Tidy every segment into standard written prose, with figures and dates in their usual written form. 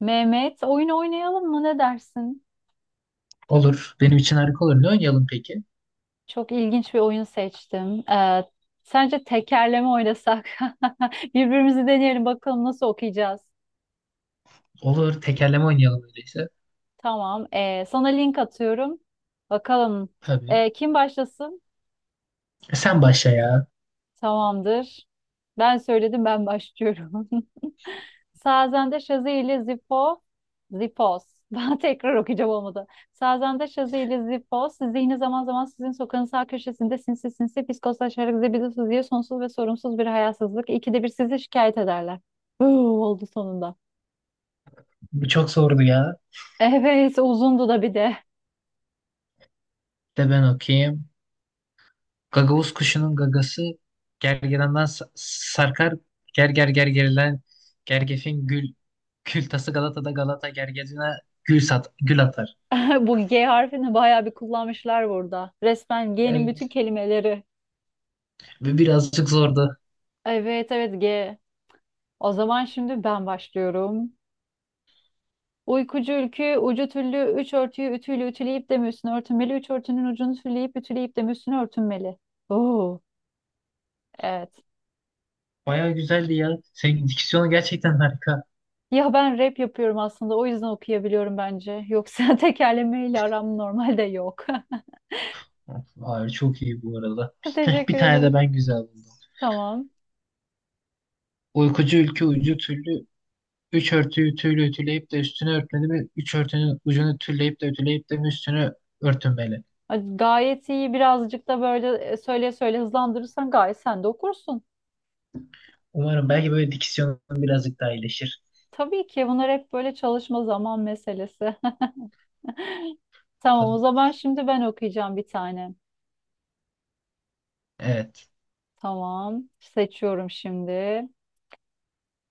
Mehmet, oyun oynayalım mı? Ne dersin? Olur. Benim için harika olur. Ne oynayalım peki? Çok ilginç bir oyun seçtim. Sence tekerleme oynasak? Birbirimizi deneyelim bakalım nasıl okuyacağız. Olur. Tekerleme oynayalım öyleyse. Tamam. Sana link atıyorum. Bakalım. Tabii. Kim başlasın? Sen başla ya. Tamamdır. Ben söyledim ben başlıyorum. Sazende Şazi ile Zifo, Zifos. Ben tekrar okuyacağım olmadı. Sazende Şazi ile Zifos, zihni zaman zaman sizin sokağın sağ köşesinde sinsi sinsi fiskoslaşarak zibidisiz diye sonsuz ve sorumsuz bir hayasızlık. İkide bir sizi şikayet ederler. Uuu, oldu sonunda. Bu çok zordu ya. Evet, uzundu da bir de. De ben okuyayım. Gagavuz kuşunun gagası gergedandan sarkar. Ger gerilen gergefin gül kül tası Galata'da Galata gergecine gül sat gül atar. Bu G harfini bayağı bir kullanmışlar burada. Resmen G'nin bütün Evet. kelimeleri. Ve birazcık zordu. Evet, evet G. O zaman şimdi ben başlıyorum. Uykucu ülkü ucu tüllü üç örtüyü ütüyle ütüleyip de mi üstüne örtünmeli? Üç örtünün ucunu tülleyip ütüleyip de mi üstüne örtünmeli? Oo, evet. Baya güzeldi ya. Senin diksiyonun gerçekten harika. Ya ben rap yapıyorum aslında o yüzden okuyabiliyorum bence. Yoksa tekerlemeyle aram normalde yok. Hayır, çok iyi bu arada. Bir Teşekkür tane de ederim. ben güzel buldum. Tamam. Uykucu ülke uyucu türlü üç örtüyü tüyle ütüleyip de üstünü örtmeli mi? Üç örtünün ucunu tülleyip de ütüleyip de mi üstünü örtünmeli? Gayet iyi birazcık da böyle söyle söyle hızlandırırsan gayet sen de okursun. Umarım belki böyle diksiyonum birazcık daha iyileşir. Tabii ki bunlar hep böyle çalışma zaman meselesi. Tamam o Bakalım. zaman şimdi ben okuyacağım bir tane. Evet. Tamam. Seçiyorum şimdi.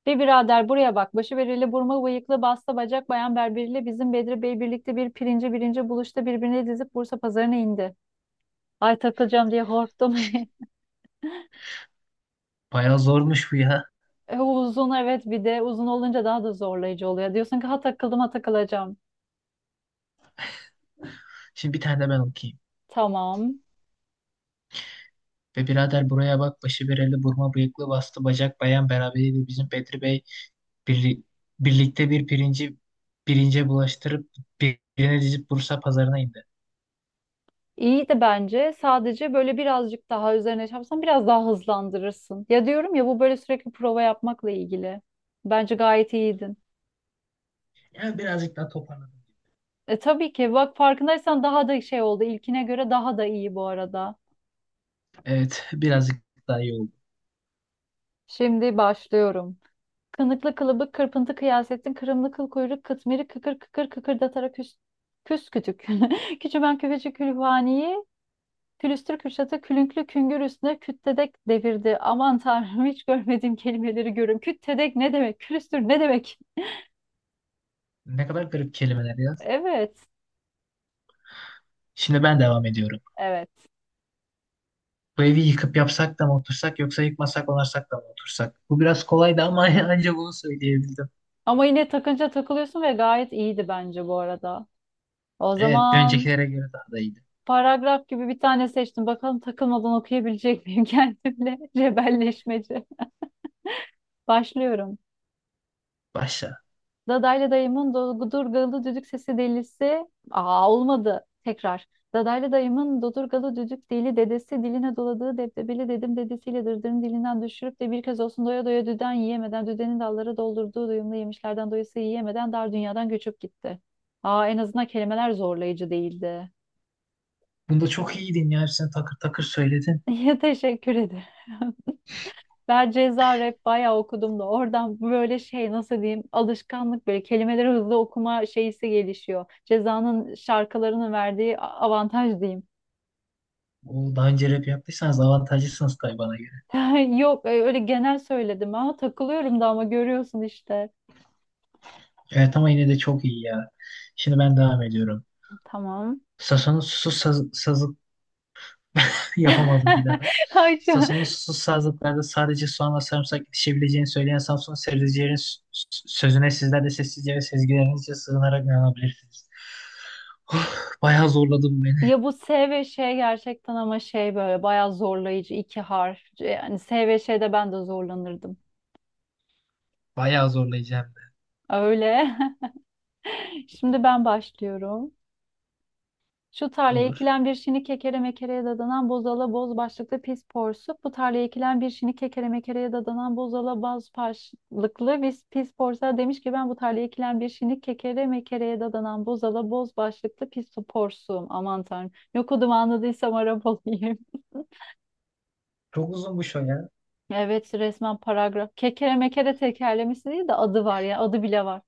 Bir birader buraya bak. Başı bereli, burma bıyıklı, basta bacak, bayan berberiyle bizim Bedri Bey birlikte bir pirinci birinci buluşta birbirine dizip Bursa pazarına indi. Ay takılacağım diye korktum. Bayağı zormuş bu ya. Uzun evet bir de uzun olunca daha da zorlayıcı oluyor. Diyorsun ki ha takıldım ha takılacağım. Şimdi bir tane de ben okuyayım. Tamam. Ve birader buraya bak, başı bereli, burma bıyıklı, bastı bacak, bayan beraberiydi bizim Bedri Bey bir birlikte bir pirinci birince bulaştırıp birine dizip Bursa pazarına indi. İyi de bence sadece böyle birazcık daha üzerine çarpsan biraz daha hızlandırırsın. Ya diyorum ya bu böyle sürekli prova yapmakla ilgili. Bence gayet iyiydin. Yani birazcık daha toparladım. Tabii ki. Bak farkındaysan daha da şey oldu. İlkine göre daha da iyi bu arada. Evet, birazcık daha iyi oldu. Şimdi başlıyorum. Kınıklı kılıbık kırpıntı kıyasettin. Kırımlı kıl kuyruk kıtmiri kıkır kıkır kıkırdatarak küs, küs kütük. Küçümen küfeci külhaniyi külüstür kürşatı külünklü küngür üstüne küttedek devirdi. Aman tanrım hiç görmediğim kelimeleri görüyorum. Küttedek ne demek? Külüstür ne demek? Ne kadar garip kelimeler ya. Evet. Şimdi ben devam ediyorum. Evet. Bu evi yıkıp yapsak da mı otursak, yoksa yıkmasak onarsak da mı otursak? Bu biraz kolaydı ama ancak bunu söyleyebildim. Ama yine takınca takılıyorsun ve gayet iyiydi bence bu arada. O Evet, bir zaman öncekilere göre daha da iyiydi. paragraf gibi bir tane seçtim. Bakalım takılmadan okuyabilecek miyim kendimle? Cebelleşmece. Başlıyorum. Başla. Dadaylı dayımın dodurgalı düdük sesi delisi. Aa olmadı. Tekrar. Dadaylı dayımın dodurgalı düdük deli dedesi diline doladığı debdebeli dedim dedesiyle dırdırın dilinden düşürüp de bir kez olsun doya doya düden yiyemeden düdenin dalları doldurduğu doyumlu yemişlerden doyası yiyemeden dar dünyadan göçüp gitti. Aa en azından kelimeler zorlayıcı değildi. Bunda çok iyiydin ya. Hepsini takır takır söyledin. Ya, teşekkür ederim. Ben ceza rap bayağı okudum da oradan böyle şey nasıl diyeyim alışkanlık böyle kelimeleri hızlı okuma şeysi gelişiyor. Cezanın şarkılarının verdiği avantaj diyeyim. O daha önce rap yaptıysanız avantajlısınız tabii bana göre. Yok öyle genel söyledim ama takılıyorum da ama görüyorsun işte. Evet ama yine de çok iyi ya. Şimdi ben devam ediyorum. Tamam. Sason'un susuz saz, yapamadım bir daha. Ay şu Sason'un susuz sazlıklarda sadece soğan ve sarımsak yetişebileceğini söyleyen Samsun sebzecilerin sözüne sizler de sessizce ve sezgilerinizce sığınarak inanabilirsiniz. Of, bayağı zorladım beni. Ya bu S ve Ş gerçekten ama şey böyle bayağı zorlayıcı iki harf. Yani S ve Ş'de ben de zorlanırdım. Bayağı zorlayacağım da. Öyle. Şimdi ben başlıyorum. Şu tarlaya Olur. ekilen bir şini kekere mekereye dadanan bozala boz başlıklı pis porsuk. Bu tarlaya ekilen bir şini kekere mekereye dadanan bozala boz başlıklı biz pis porsuğa demiş ki ben bu tarlaya ekilen bir şini kekere mekereye dadanan bozala boz başlıklı pis porsuğum. Aman tanrım. Yok odum anladıysam Arap olayım. Çok uzun bu şo ya. Evet resmen paragraf. Kekere mekere tekerlemesi değil de adı var ya. Adı bile var.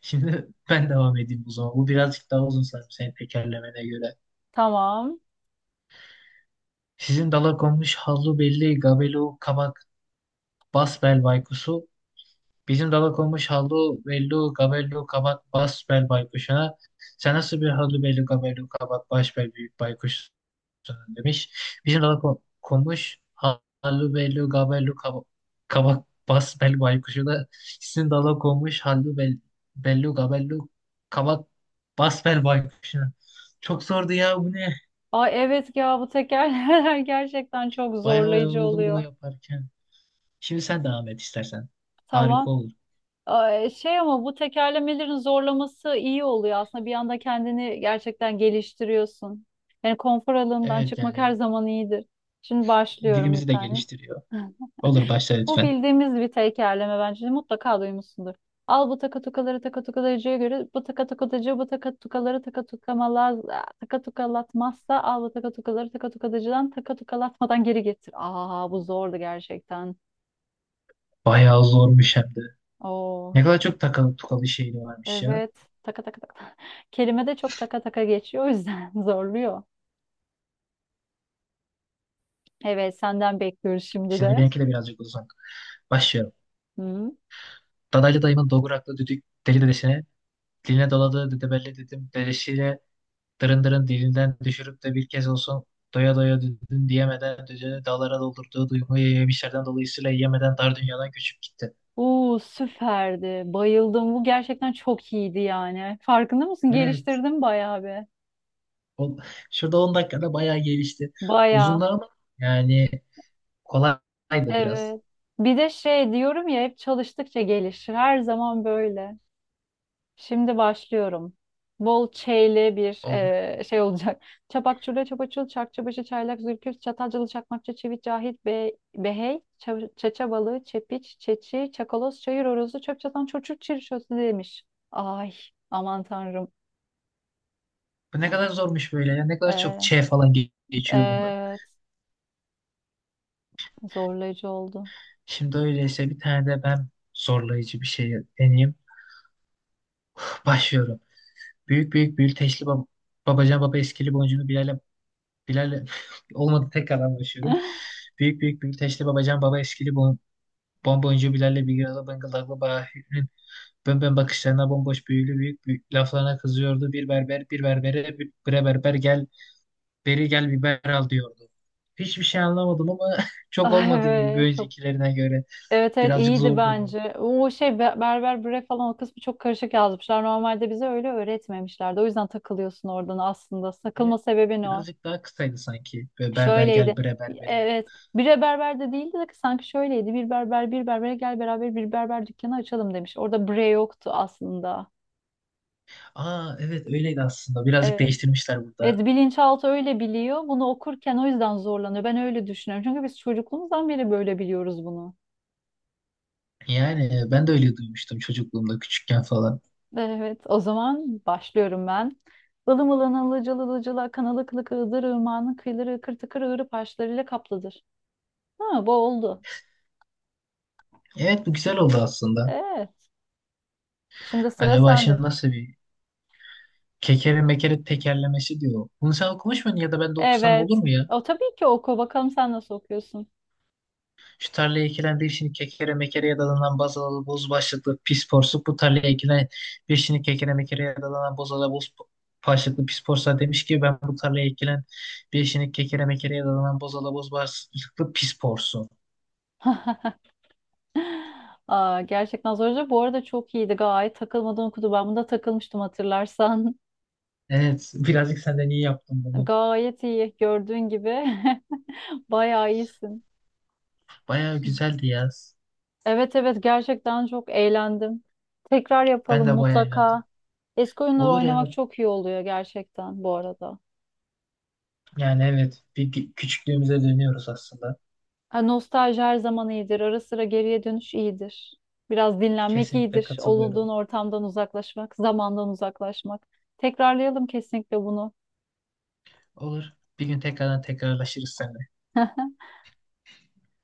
Şimdi ben devam edeyim o zaman. Bu birazcık daha uzun sanırım senin tekerlemene göre. Tamam. Sizin dala konmuş hallu belli gabelu kabak basbel baykusu bizim dala konmuş hallu bellu gabellu kabat bas bel baykuşuna. Sen nasıl bir hallu bellu gabellu kabat baş bel büyük baykuşsun demiş. Bizim dala konmuş hallu bellu gabellu kabak bas bel baykuşuna. Sizin dala konmuş hallu bel, bellu gabellu kabak bas bel baykuşuna. Çok zordu ya, bu ne? Ay evet ya bu tekerlemeler gerçekten çok Bayağı zorlayıcı yoruldum bunu oluyor. yaparken. Şimdi sen devam et istersen. Harika Tamam. olur. Ay, şey ama bu tekerlemelerin zorlaması iyi oluyor aslında. Bir anda kendini gerçekten geliştiriyorsun. Yani konfor alanından Evet, çıkmak her yani zaman iyidir. Şimdi başlıyorum bir dilimizi de tane. geliştiriyor. Olur, başla Bu lütfen. bildiğimiz bir tekerleme bence. Mutlaka duymuşsundur. Al bu takatukaları takatukalarıcıya göre bu takatukatıcı bu takatukaları takatukamalaz takatukalatmazsa al bu takatukaları takatukatıcıdan takatukalatmadan geri getir. Aa bu zordu gerçekten. Bayağı zormuş hem de. Oo. Ne kadar çok takalı tukalı şehri varmış ya. Evet. Taka taka taka. Kelime de çok taka taka geçiyor o yüzden zorluyor. Evet senden bekliyoruz şimdi Şimdi de. benimki de birazcık uzun. Başlıyorum. Hı. Dadaylı dayımın doguraklı düdük deli dedesine, diline doladığı düdebelli dedim dedesiyle dırın dırın dilinden düşürüp de bir kez olsun doya doya düdün diyemeden düdüğünü dağlara doldurduğu duyguyu yemişlerden dolayısıyla yemeden dar dünyadan göçüp gitti. Uuu süperdi. Bayıldım. Bu gerçekten çok iyiydi yani. Farkında mısın? Evet. Geliştirdim bayağı bir. O, şurada 10 dakikada bayağı gelişti. Bayağı. Uzunlar ama yani kolaydı biraz. Evet. Bir de şey diyorum ya hep çalıştıkça gelişir. Her zaman böyle. Şimdi başlıyorum. Bol çeyli bir Olur. Şey olacak. Çapak çurla çapaçul çakçıbaşı çaylak zülküf çatalcılı çakmakçı çivit cahit be, behey çaça balığı çepiç çeçi çakaloz çayır horozu çöp çatan çocuk çirşosu demiş. Ay aman tanrım. Bu ne kadar zormuş böyle ya. Ne kadar çok Ee, ç falan geçiyor bunda. evet zorlayıcı oldu. Şimdi öyleyse bir tane de ben zorlayıcı bir şey deneyeyim. Başlıyorum. Büyük büyük büyüteçli babacan baba eskili boncunu Bilal'e olmadı, tekrardan başlıyorum. Büyük büyük büyüteçli babacan baba eskili bonboncuğu Bilal'le bir arada bıngıldaklı Bahir'in bönbön bakışlarına bomboş büyülü büyük laflarına kızıyordu. Bir berber bir berbere bir bre berber gel beri gel biber al diyordu. Hiçbir şey anlamadım ama çok Ay olmadı gibi bir evet çok öncekilerine göre. evet evet Birazcık iyiydi zordu bu. bence. O şey berber bre falan o kısmı çok karışık yazmışlar. Normalde bize öyle öğretmemişlerdi. O yüzden takılıyorsun oradan aslında. Takılma Evet, sebebin o. birazcık daha kısaydı sanki. Böyle berber Şöyleydi. gel bre berbere. Evet, bir berber de değildi de sanki şöyleydi. Bir berber bir berbere gel beraber bir berber dükkanı açalım demiş. Orada bre yoktu aslında. Aa, evet öyleydi aslında. Birazcık Evet. değiştirmişler burada. Evet bilinçaltı öyle biliyor. Bunu okurken o yüzden zorlanıyor. Ben öyle düşünüyorum. Çünkü biz çocukluğumuzdan beri böyle biliyoruz bunu. Yani ben de öyle duymuştum çocukluğumda küçükken falan. Evet, o zaman başlıyorum ben. Ilım ılın ılıcıl ılıcıl akan ılık ılık ığdır ırmağının kıyıları ıkır tıkır ığırıp harçlarıyla kaplıdır. Ha, bu oldu. Evet, bu güzel oldu aslında. Evet, şimdi sıra Acaba sende. şimdi nasıl bir kekere mekere tekerlemesi diyor. Bunu sen okumuş muydun, ya da ben de okusam olur Evet, mu ya? o tabii ki oku. Bakalım sen nasıl okuyorsun. Şu tarlaya ekilen bir şimdi kekere mekereye dalanan bazalalı boz başlıklı pis porsuk. Bu tarlaya ekilen bir şimdi kekere mekereye dalanan bozalalı boz başlıklı pis porsa demiş ki ben bu tarlaya ekilen bir şimdi kekere mekereye dalanan bozalalı boz başlıklı pis porsu. Aa, gerçekten zorca. Bu arada çok iyiydi. Gayet takılmadan okudu. Ben bunda takılmıştım hatırlarsan. Evet, birazcık senden iyi yaptım bunu. Gayet iyi. Gördüğün gibi bayağı iyisin. Bayağı güzeldi ya. Evet evet gerçekten çok eğlendim. Tekrar Ben yapalım de bayağı mutlaka. eğlendim. Eski oyunları Olur oynamak ya. çok iyi oluyor gerçekten bu arada. Yani evet, bir küçüklüğümüze dönüyoruz aslında. Ha, nostalji her zaman iyidir. Ara sıra geriye dönüş iyidir. Biraz dinlenmek Kesinlikle iyidir. Olduğun katılıyorum. ortamdan uzaklaşmak, zamandan uzaklaşmak. Tekrarlayalım kesinlikle bunu. Olur. Bir gün tekrardan tekrarlaşırız seninle.